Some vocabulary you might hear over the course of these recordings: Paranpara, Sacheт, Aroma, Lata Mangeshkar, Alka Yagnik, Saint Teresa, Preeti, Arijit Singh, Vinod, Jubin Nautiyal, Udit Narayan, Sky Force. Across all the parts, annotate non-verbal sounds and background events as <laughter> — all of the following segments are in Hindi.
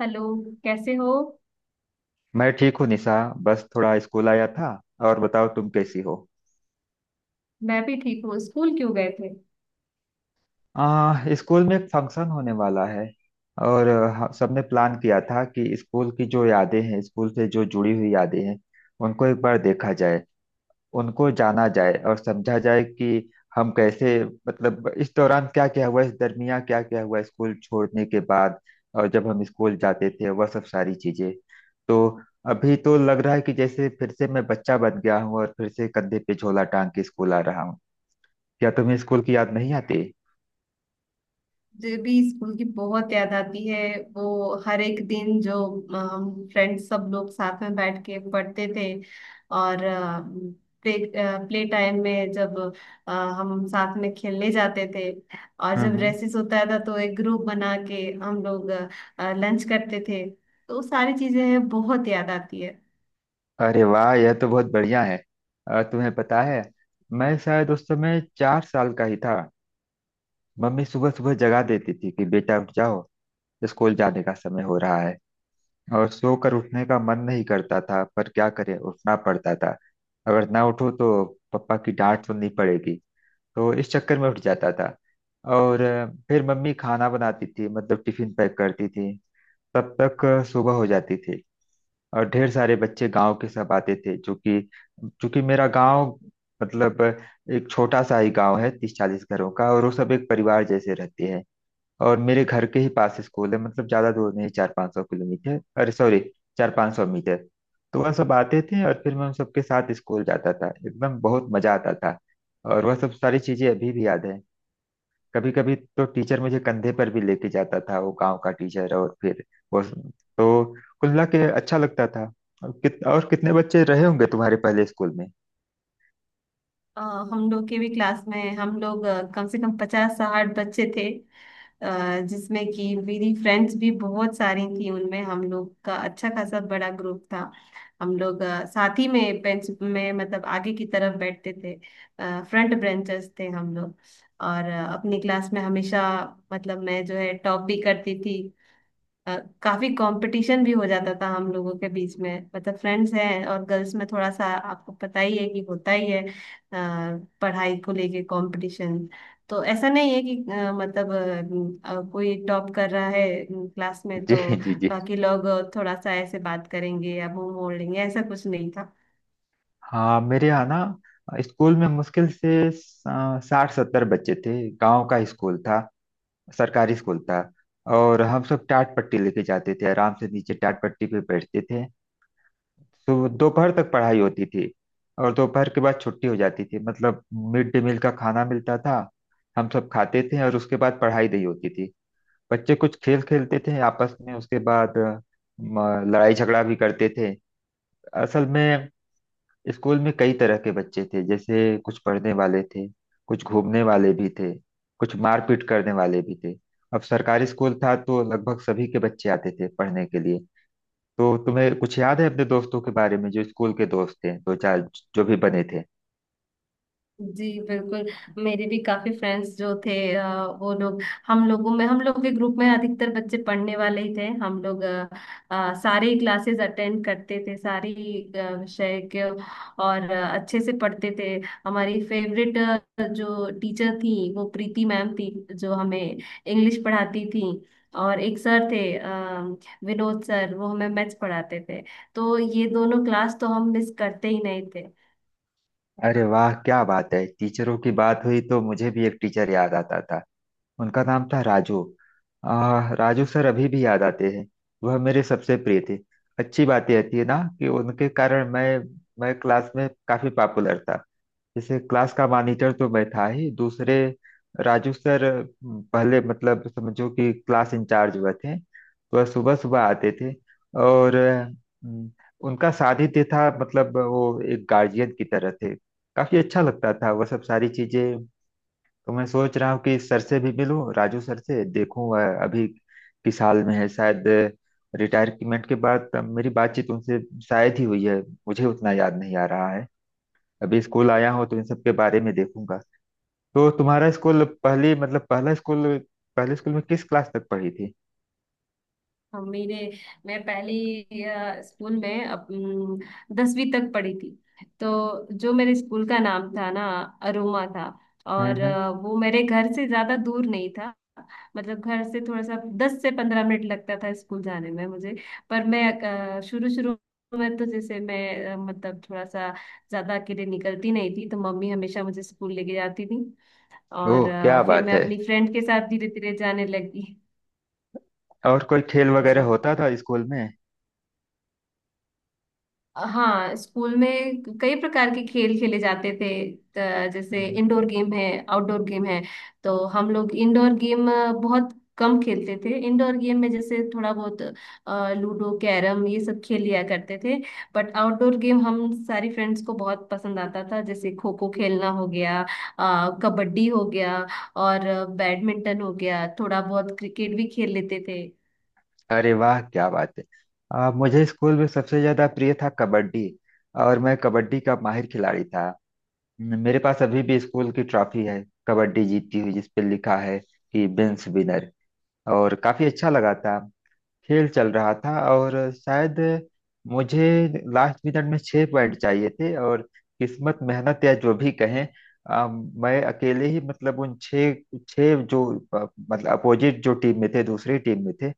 हेलो। कैसे हो? मैं ठीक हूँ निशा। बस थोड़ा स्कूल आया था। और बताओ तुम कैसी हो। मैं भी ठीक हूँ। स्कूल क्यों गए थे? स्कूल में एक फंक्शन होने वाला है। और सबने प्लान किया था कि स्कूल की जो यादें हैं स्कूल से जो जुड़ी हुई यादें हैं उनको एक बार देखा जाए, उनको जाना जाए और समझा जाए कि हम कैसे, मतलब इस दौरान क्या क्या हुआ, इस दरमियान क्या क्या हुआ स्कूल छोड़ने के बाद। और जब हम स्कूल जाते थे वह सब सारी चीजें। तो अभी तो लग रहा है कि जैसे फिर से मैं बच्चा बन गया हूँ और फिर से कंधे पे झोला टांग के स्कूल आ रहा हूँ। क्या तुम्हें स्कूल की याद नहीं आती? मुझे भी स्कूल की बहुत याद आती है। वो हर एक दिन जो हम फ्रेंड्स सब लोग साथ में बैठ के पढ़ते थे और प्ले प्ले टाइम में जब अ, हम साथ में खेलने जाते थे। और जब हम्म। रेसिस होता था तो एक ग्रुप बना के हम लोग लंच करते थे, तो वो सारी चीजें हैं, बहुत याद आती है। अरे वाह, यह तो बहुत बढ़िया है। तुम्हें पता है मैं शायद उस समय 4 साल का ही था। मम्मी सुबह सुबह जगा देती थी कि बेटा उठ जाओ, स्कूल जाने का समय हो रहा है। और सोकर उठने का मन नहीं करता था पर क्या करें, उठना पड़ता था। अगर ना उठो तो पापा की डांट सुननी पड़ेगी। तो इस चक्कर में उठ जाता था। और फिर मम्मी खाना बनाती थी, मतलब टिफिन पैक करती थी। तब तक सुबह हो जाती थी। और ढेर सारे बच्चे गांव के सब आते थे, जो कि चूंकि मेरा गांव, मतलब एक छोटा सा ही गांव है 30-40 घरों का, और वो सब एक परिवार जैसे रहते हैं। और मेरे घर के ही पास स्कूल है, मतलब ज्यादा दूर नहीं, 400-500 किलोमीटर, अरे सॉरी, 400-500 मीटर। तो वह सब आते थे और फिर मैं उन सबके साथ स्कूल जाता था, एकदम बहुत मजा आता था। और वह सब सारी चीजें अभी भी याद है। कभी कभी तो टीचर मुझे कंधे पर भी लेके जाता था, वो गांव का टीचर। और फिर वो, तो कुल मिला के अच्छा लगता था। और कितने बच्चे रहे होंगे तुम्हारे पहले स्कूल में? अ, हम लोग के भी क्लास में हम लोग कम से कम 50 60 बच्चे थे। अ, जिसमें कि मेरी फ्रेंड्स भी बहुत सारी थी, उनमें हम लोग का अच्छा खासा बड़ा ग्रुप था। हम लोग साथ ही में बेंच में मतलब आगे की तरफ बैठते थे। फ्रंट ब्रेंचर्स थे हम लोग। और अपनी क्लास में हमेशा मतलब मैं जो है टॉप भी करती थी। अ, काफी कंपटीशन भी हो जाता था हम लोगों के बीच में, मतलब फ्रेंड्स हैं और गर्ल्स में थोड़ा सा आपको पता ही है कि होता ही है पढ़ाई को लेके कंपटीशन। तो ऐसा नहीं है कि कोई टॉप कर रहा है क्लास <laughs> में जी। तो जी जी। बाकी लोग थोड़ा सा ऐसे बात करेंगे या मुंह मोड़ लेंगे, ऐसा कुछ नहीं था। हाँ, मेरे यहाँ ना स्कूल में मुश्किल से 60-70 बच्चे थे, गांव का स्कूल था, सरकारी स्कूल था। और हम सब टाट पट्टी लेके जाते थे, आराम से नीचे टाट पट्टी पे बैठते थे। तो दोपहर तक पढ़ाई होती थी, और दोपहर के बाद छुट्टी हो जाती थी। मतलब मिड डे मील का खाना मिलता था, हम सब खाते थे, और उसके बाद पढ़ाई नहीं होती थी। बच्चे कुछ खेल खेलते थे आपस में, उसके बाद लड़ाई झगड़ा भी करते थे असल में। स्कूल में कई तरह के बच्चे थे, जैसे कुछ पढ़ने वाले थे, कुछ घूमने वाले भी थे, कुछ मारपीट करने वाले भी थे। अब सरकारी स्कूल था तो लगभग सभी के बच्चे आते थे पढ़ने के लिए। तो तुम्हें कुछ याद है अपने दोस्तों के बारे में, जो स्कूल के दोस्त थे, दो चार जो भी बने थे? जी बिल्कुल। मेरे भी काफी फ्रेंड्स जो थे वो लोग, हम लोग के ग्रुप में अधिकतर बच्चे पढ़ने वाले ही थे। हम लोग सारे क्लासेस अटेंड करते थे, सारी विषय के। और अच्छे से पढ़ते थे। हमारी फेवरेट जो टीचर थी वो प्रीति मैम थी, जो हमें इंग्लिश पढ़ाती थी। और एक सर थे विनोद सर, वो हमें मैथ्स पढ़ाते थे। तो ये दोनों क्लास तो हम मिस करते ही नहीं थे। अरे वाह, क्या बात है, टीचरों की बात हुई तो मुझे भी एक टीचर याद आता था। उनका नाम था राजू। राजू सर अभी भी याद आते हैं। वह मेरे सबसे प्रिय थे। अच्छी बात यह थी ना कि उनके कारण मैं क्लास में काफी पॉपुलर था। जैसे क्लास का मॉनिटर तो मैं था ही, दूसरे राजू सर पहले, मतलब समझो कि क्लास इंचार्ज हुए थे। वह सुबह सुबह आते थे। और उनका सानिध्य था, मतलब वो एक गार्जियन की तरह थे। काफी अच्छा लगता था वह सब सारी चीजें। तो मैं सोच रहा हूँ कि सर से भी मिलूं, राजू सर से, देखूं वह अभी किस हाल में है। शायद रिटायरमेंट के बाद मेरी बातचीत उनसे शायद ही हुई है, मुझे उतना याद नहीं आ रहा है। अभी स्कूल आया हूं तो इन सब के बारे में देखूंगा। तो तुम्हारा स्कूल पहली, मतलब पहला स्कूल, पहले स्कूल में किस क्लास तक पढ़ी थी? हम मेरे मैं पहली स्कूल में 10वीं तक पढ़ी थी। तो जो मेरे स्कूल का नाम था ना, अरोमा था। हम्म और हम्म। वो मेरे घर से ज्यादा दूर नहीं था। मतलब घर से थोड़ा सा 10 से 15 मिनट लगता था स्कूल जाने में मुझे। पर मैं शुरू शुरू में तो जैसे मैं मतलब थोड़ा सा ज्यादा अकेले निकलती नहीं थी, तो मम्मी हमेशा मुझे स्कूल लेके जाती थी। ओह, और क्या फिर बात मैं है। अपनी फ्रेंड के साथ धीरे धीरे जाने लगी। और कोई खेल वगैरह जी होता था स्कूल में? हाँ, स्कूल में कई प्रकार के खेल खेले जाते थे। जैसे हम्म। इंडोर गेम है, आउटडोर गेम है। तो हम लोग इंडोर गेम बहुत कम खेलते थे। इंडोर गेम में जैसे थोड़ा बहुत लूडो, कैरम ये सब खेल लिया करते थे। बट आउटडोर गेम हम सारी फ्रेंड्स को बहुत पसंद आता था, जैसे खो खो खेलना हो गया, कबड्डी हो गया, और बैडमिंटन हो गया, थोड़ा बहुत क्रिकेट भी खेल लेते थे। अरे वाह, क्या बात है। मुझे स्कूल में सबसे ज्यादा प्रिय था कबड्डी, और मैं कबड्डी का माहिर खिलाड़ी था। मेरे पास अभी भी स्कूल की ट्रॉफी है कबड्डी जीती हुई, जिस पे लिखा है कि बेंस विनर। और काफी अच्छा लगा था। खेल चल रहा था और शायद मुझे लास्ट मिनट में 6 पॉइंट चाहिए थे। और किस्मत, मेहनत, या जो भी कहें, मैं अकेले ही, मतलब उन छह, छह जो मतलब अपोजिट जो टीम में थे, दूसरी टीम में थे,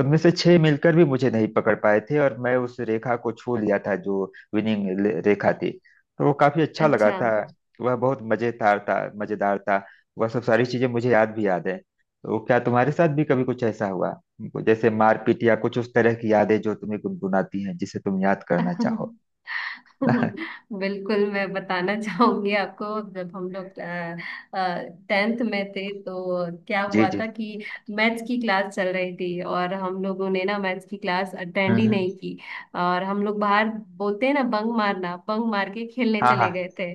उनमें से छह मिलकर भी मुझे नहीं पकड़ पाए थे, और मैं उस रेखा को छू लिया था जो विनिंग रेखा थी। तो वो काफी अच्छा लगा अच्छा। था। वह बहुत मजेदार था, मजेदार था। वह सब सारी चीजें मुझे याद, भी याद है। तो क्या तुम्हारे साथ भी कभी कुछ ऐसा हुआ, जैसे मारपीट या कुछ उस तरह की यादें जो तुम्हें गुनगुनाती हैं, जिसे तुम याद करना चाहो? <laughs> <laughs> बिल्कुल, मैं बताना चाहूंगी आपको। जब हम लोग टेंथ में थे, तो क्या जी हुआ जी। था कि मैथ्स की क्लास चल रही थी, और हम लोगों ने ना मैथ्स की क्लास अटेंड हम्म ही हम्म। नहीं की। और हम लोग बाहर, बोलते हैं ना बंक मारना, बंक मार के खेलने हाँ हाँ। चले गए थे।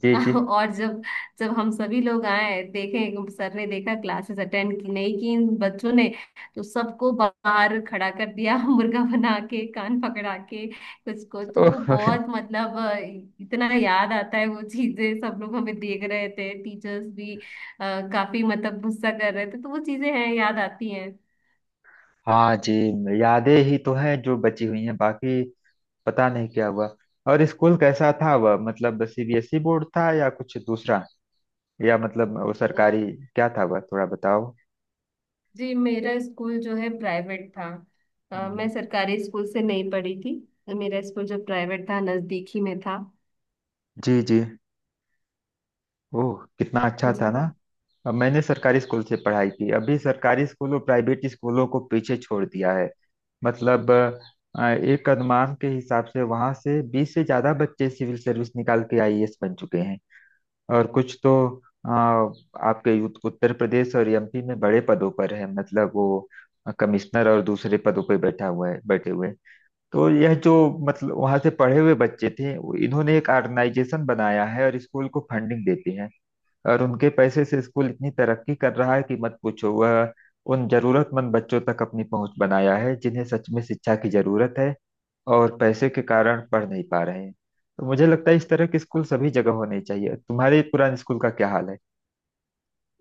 जी जी। <laughs> और जब जब हम सभी लोग आए, देखे, सर ने देखा क्लासेस अटेंड की नहीं की इन बच्चों ने, तो सबको बाहर खड़ा कर दिया। <laughs> मुर्गा बना के, कान पकड़ा के कुछ को, तो वो ओह। बहुत <laughs> मतलब इतना याद आता है वो चीजें, सब लोग हमें देख रहे थे, टीचर्स भी काफी मतलब गुस्सा कर रहे थे, तो वो चीजें हैं, याद आती हैं। हाँ जी। यादें ही तो हैं जो बची हुई हैं, बाकी पता नहीं क्या हुआ। और स्कूल कैसा था वह, मतलब सीबीएसई बोर्ड था या कुछ दूसरा, या मतलब वो सरकारी, क्या था वह, थोड़ा बताओ? जी, मेरा स्कूल जो है प्राइवेट था। हम्म। मैं सरकारी स्कूल से नहीं पढ़ी थी। मेरा स्कूल जो प्राइवेट था नजदीक ही में था। जी जी। ओह, कितना अच्छा जी था ना। अब मैंने सरकारी स्कूल से पढ़ाई की, अभी सरकारी स्कूल और प्राइवेट स्कूलों को पीछे छोड़ दिया है। मतलब एक अनुमान के हिसाब से वहां से 20 से ज्यादा बच्चे सिविल सर्विस निकाल के आईएएस बन चुके हैं। और कुछ तो आ, आपके उत्तर प्रदेश और एमपी में बड़े पदों पर है, मतलब वो कमिश्नर और दूसरे पदों पर बैठा हुआ है, बैठे हुए हैं। तो यह जो, मतलब वहां से पढ़े हुए बच्चे थे इन्होंने एक ऑर्गेनाइजेशन बनाया है और स्कूल को फंडिंग देते हैं, और उनके पैसे से स्कूल इतनी तरक्की कर रहा है कि मत पूछो। वह उन जरूरतमंद बच्चों तक अपनी पहुंच बनाया है जिन्हें सच में शिक्षा की जरूरत है और पैसे के कारण पढ़ नहीं पा रहे हैं। तो मुझे लगता है इस तरह के स्कूल सभी जगह होने चाहिए। तुम्हारे पुराने स्कूल का क्या हाल है,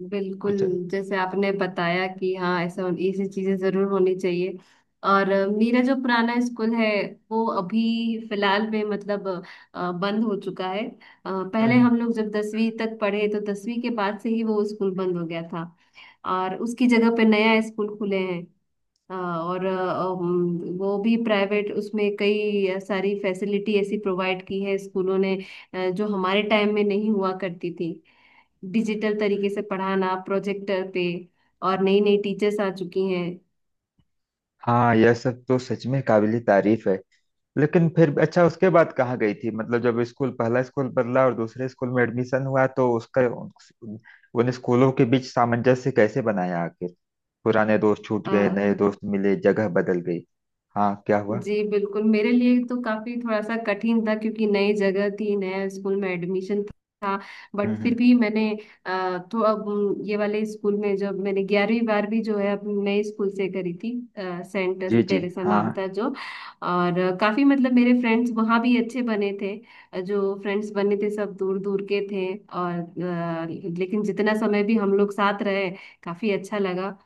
बिल्कुल। कुछ है? जैसे आपने बताया कि हाँ, ऐसा ऐसी चीजें जरूर होनी चाहिए। और मेरा जो पुराना स्कूल है वो अभी फिलहाल में मतलब बंद हो चुका है। पहले हम्म। हम लोग जब 10वीं तक पढ़े, तो 10वीं के बाद से ही वो स्कूल बंद हो गया था। और उसकी जगह पे नया स्कूल खुले हैं। वो भी प्राइवेट, उसमें कई सारी फैसिलिटी ऐसी प्रोवाइड की है स्कूलों ने जो हमारे टाइम में नहीं हुआ करती थी। डिजिटल तरीके से पढ़ाना प्रोजेक्टर पे, और नई नई टीचर्स आ चुकी हाँ, यह सब तो सच में काबिल तारीफ है। लेकिन फिर अच्छा, उसके बाद कहाँ गई थी, मतलब जब स्कूल, पहला स्कूल बदला और दूसरे स्कूल में एडमिशन हुआ, तो उसका उन स्कूलों के बीच सामंजस्य कैसे बनाया आखिर? पुराने दोस्त छूट गए, हैं। नए दोस्त मिले, जगह बदल गई। हाँ, क्या हुआ? जी बिल्कुल, मेरे लिए तो काफी थोड़ा सा कठिन था क्योंकि नई जगह थी, नया स्कूल में एडमिशन था। हम्म बट फिर हम्म, भी मैंने तो अब ये वाले स्कूल में जब मैंने 11वीं 12वीं जो है अपने नए स्कूल से करी थी। सेंट जी जी। टेरेसा हाँ नाम था जो, और काफी मतलब मेरे फ्रेंड्स वहाँ भी अच्छे बने थे। जो फ्रेंड्स बने थे सब दूर दूर के थे। और लेकिन जितना समय भी हम लोग साथ रहे, काफी अच्छा लगा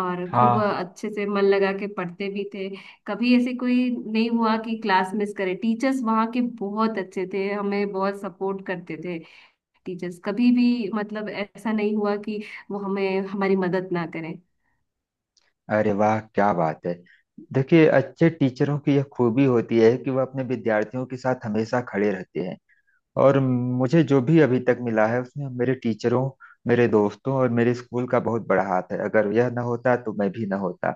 और खूब हाँ। अच्छे से मन लगा के पढ़ते भी थे। कभी ऐसे कोई नहीं हुआ कि क्लास मिस करे, टीचर्स वहाँ के बहुत अच्छे थे, हमें बहुत सपोर्ट करते थे। टीचर्स कभी भी मतलब ऐसा नहीं हुआ कि वो हमें, हमारी मदद ना करें। अरे वाह, क्या बात है। देखिए, अच्छे टीचरों की यह खूबी होती है कि वह अपने विद्यार्थियों के साथ हमेशा खड़े रहते हैं। और मुझे जो भी अभी तक मिला है उसमें मेरे टीचरों, मेरे दोस्तों और मेरे स्कूल का बहुत बड़ा हाथ है। अगर यह ना होता तो मैं भी ना होता,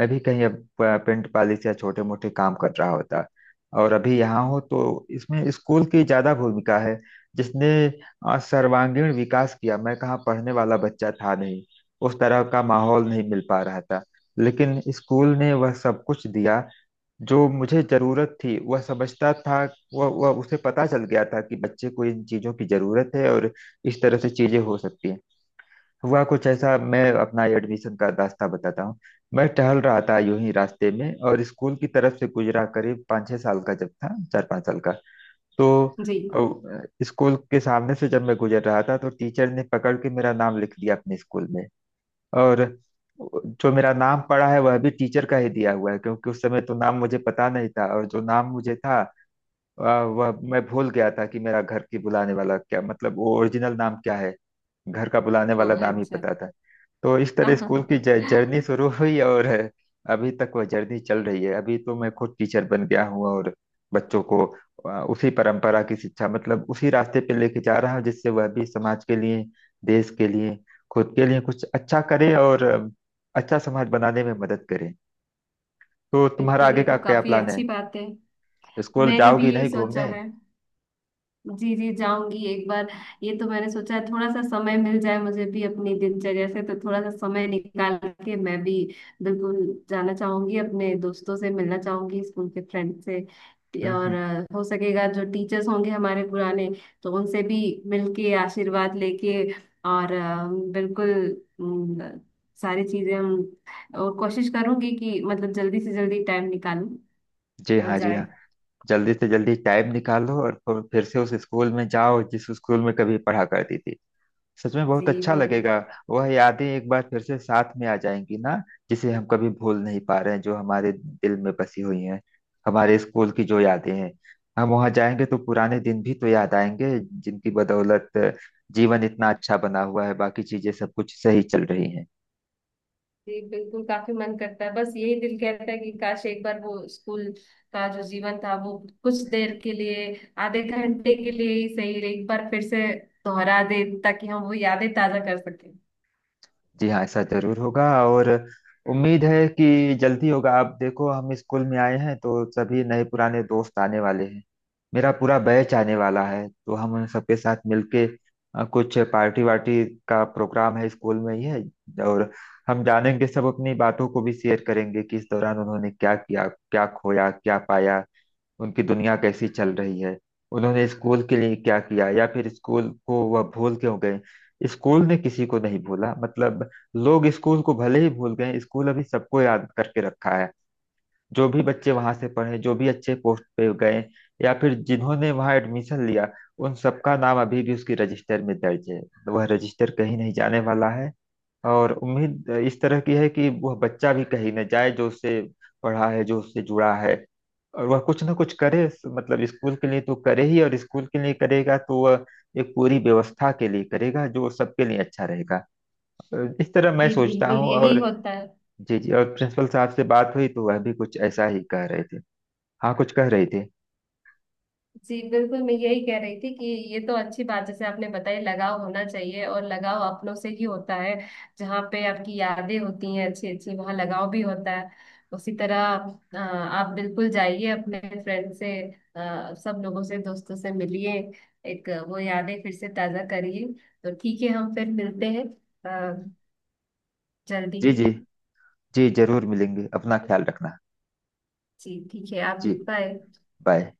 मैं भी कहीं अब पेंट पॉलिश या छोटे मोटे काम कर रहा होता। और अभी यहाँ हो तो इसमें स्कूल की ज्यादा भूमिका है, जिसने सर्वांगीण विकास किया। मैं कहाँ पढ़ने वाला बच्चा था, नहीं उस तरह का माहौल नहीं मिल पा रहा था। लेकिन स्कूल ने वह सब कुछ दिया जो मुझे जरूरत थी, वह समझता था, वह उसे पता चल गया था कि बच्चे को इन चीजों की जरूरत है, और इस तरह से चीजें हो सकती हैं। हुआ कुछ ऐसा, मैं अपना एडमिशन का रास्ता बताता हूँ। मैं टहल रहा था यूं ही रास्ते में और स्कूल की तरफ से गुजरा, करीब 5-6 साल का जब था, 4-5 साल का। तो जी स्कूल के सामने से जब मैं गुजर रहा था तो टीचर ने पकड़ के मेरा नाम लिख दिया अपने स्कूल में। और जो मेरा नाम पड़ा है वह भी टीचर का ही दिया हुआ है, क्योंकि उस समय तो नाम मुझे पता नहीं था, और जो नाम मुझे था वह मैं भूल गया था, कि मेरा घर की बुलाने वाला क्या, मतलब वो ओरिजिनल नाम क्या है। घर का बुलाने हाँ, वाला नाम ही अच्छा। पता था। तो इस तरह स्कूल की जर्नी <laughs> शुरू हुई, और अभी तक वह जर्नी चल रही है। अभी तो मैं खुद टीचर बन गया हूँ और बच्चों को उसी परंपरा की शिक्षा, मतलब उसी रास्ते पे लेके जा रहा हूँ, जिससे वह भी समाज के लिए, देश के लिए, खुद के लिए कुछ अच्छा करे, और अच्छा समाज बनाने में मदद करे। तो तुम्हारा बिल्कुल, आगे ये का तो क्या काफी प्लान है, अच्छी बात है, स्कूल मैंने भी जाओगी यही नहीं सोचा घूमने? है। जी जी, जाऊंगी एक बार। ये तो मैंने सोचा है, थोड़ा सा समय मिल जाए मुझे भी अपनी दिनचर्या से, तो थोड़ा सा समय निकाल के मैं भी बिल्कुल जाना चाहूंगी, अपने दोस्तों से मिलना चाहूंगी स्कूल के फ्रेंड से। हम्म और हम्म। हो सकेगा जो टीचर्स होंगे हमारे पुराने, तो उनसे भी मिलके आशीर्वाद लेके, और बिल्कुल अम, सारी चीजें हम। और कोशिश करूंगी कि मतलब जल्दी से जल्दी टाइम निकालूं जी और हाँ, जी जाए। हाँ। जल्दी से जल्दी टाइम निकालो और फिर से उस स्कूल में जाओ जिस स्कूल में कभी पढ़ा करती थी। सच में बहुत जी अच्छा वो, लगेगा। वह यादें एक बार फिर से साथ में आ जाएंगी ना, जिसे हम कभी भूल नहीं पा रहे हैं, जो हमारे दिल में बसी हुई हैं, हमारे स्कूल की जो यादें हैं। हम वहां जाएंगे तो पुराने दिन भी तो याद आएंगे, जिनकी बदौलत जीवन इतना अच्छा बना हुआ है, बाकी चीजें सब कुछ सही चल रही हैं। जी बिल्कुल, काफी मन करता है। बस यही दिल कहता है कि काश एक बार वो स्कूल का जो जीवन था वो कुछ देर के लिए, आधे घंटे के लिए ही सही, एक बार फिर से दोहरा दे ताकि हम वो यादें ताजा कर सकें। जी हाँ, ऐसा जरूर होगा। और उम्मीद है कि जल्दी होगा। आप देखो, हम स्कूल में आए हैं तो सभी नए पुराने दोस्त आने वाले हैं, मेरा पूरा बैच आने वाला है। तो हम उन सबके साथ मिलके कुछ पार्टी वार्टी का प्रोग्राम है, स्कूल में ही है। और हम जानेंगे सब, अपनी बातों को भी शेयर करेंगे कि इस दौरान उन्होंने क्या किया, क्या खोया क्या पाया, उनकी दुनिया कैसी चल रही है, उन्होंने स्कूल के लिए क्या किया, या फिर स्कूल को वह भूल क्यों गए। स्कूल ने किसी को नहीं भूला, मतलब लोग स्कूल को भले ही भूल गए, स्कूल अभी सबको याद करके रखा है। जो भी बच्चे वहां से पढ़े, जो भी अच्छे पोस्ट पे गए, या फिर जिन्होंने वहां एडमिशन लिया, उन सबका नाम अभी भी उसकी रजिस्टर में दर्ज है। वह रजिस्टर कहीं नहीं जाने वाला है। और उम्मीद इस तरह की है कि वह बच्चा भी कहीं न जाए जो उससे पढ़ा है, जो उससे जुड़ा है, और वह कुछ ना कुछ करे, मतलब स्कूल के लिए तो करे ही, और स्कूल के लिए करेगा तो वह एक पूरी व्यवस्था के लिए करेगा जो सबके लिए अच्छा रहेगा। इस तरह मैं जी सोचता बिल्कुल, हूँ, यही और होता है। जी जी, और प्रिंसिपल साहब से बात हुई तो वह भी कुछ ऐसा ही कह रहे थे। हाँ, कुछ कह रहे थे। जी बिल्कुल, मैं यही कह रही थी कि ये तो अच्छी बात जैसे आपने बताई, लगाव होना चाहिए और लगाव अपनों से ही होता है। जहाँ पे आपकी यादें होती हैं अच्छी अच्छी, वहाँ लगाव भी होता है। उसी तरह आप बिल्कुल जाइए, अपने फ्रेंड से, सब लोगों से, दोस्तों से मिलिए। एक वो यादें फिर से ताजा करिए। तो ठीक है, हम फिर मिलते हैं अ, जल्दी जी ही। जी। जी जरूर मिलेंगे, अपना ख्याल रखना। जी ठीक है, आप जी। भी। बाय। बाय।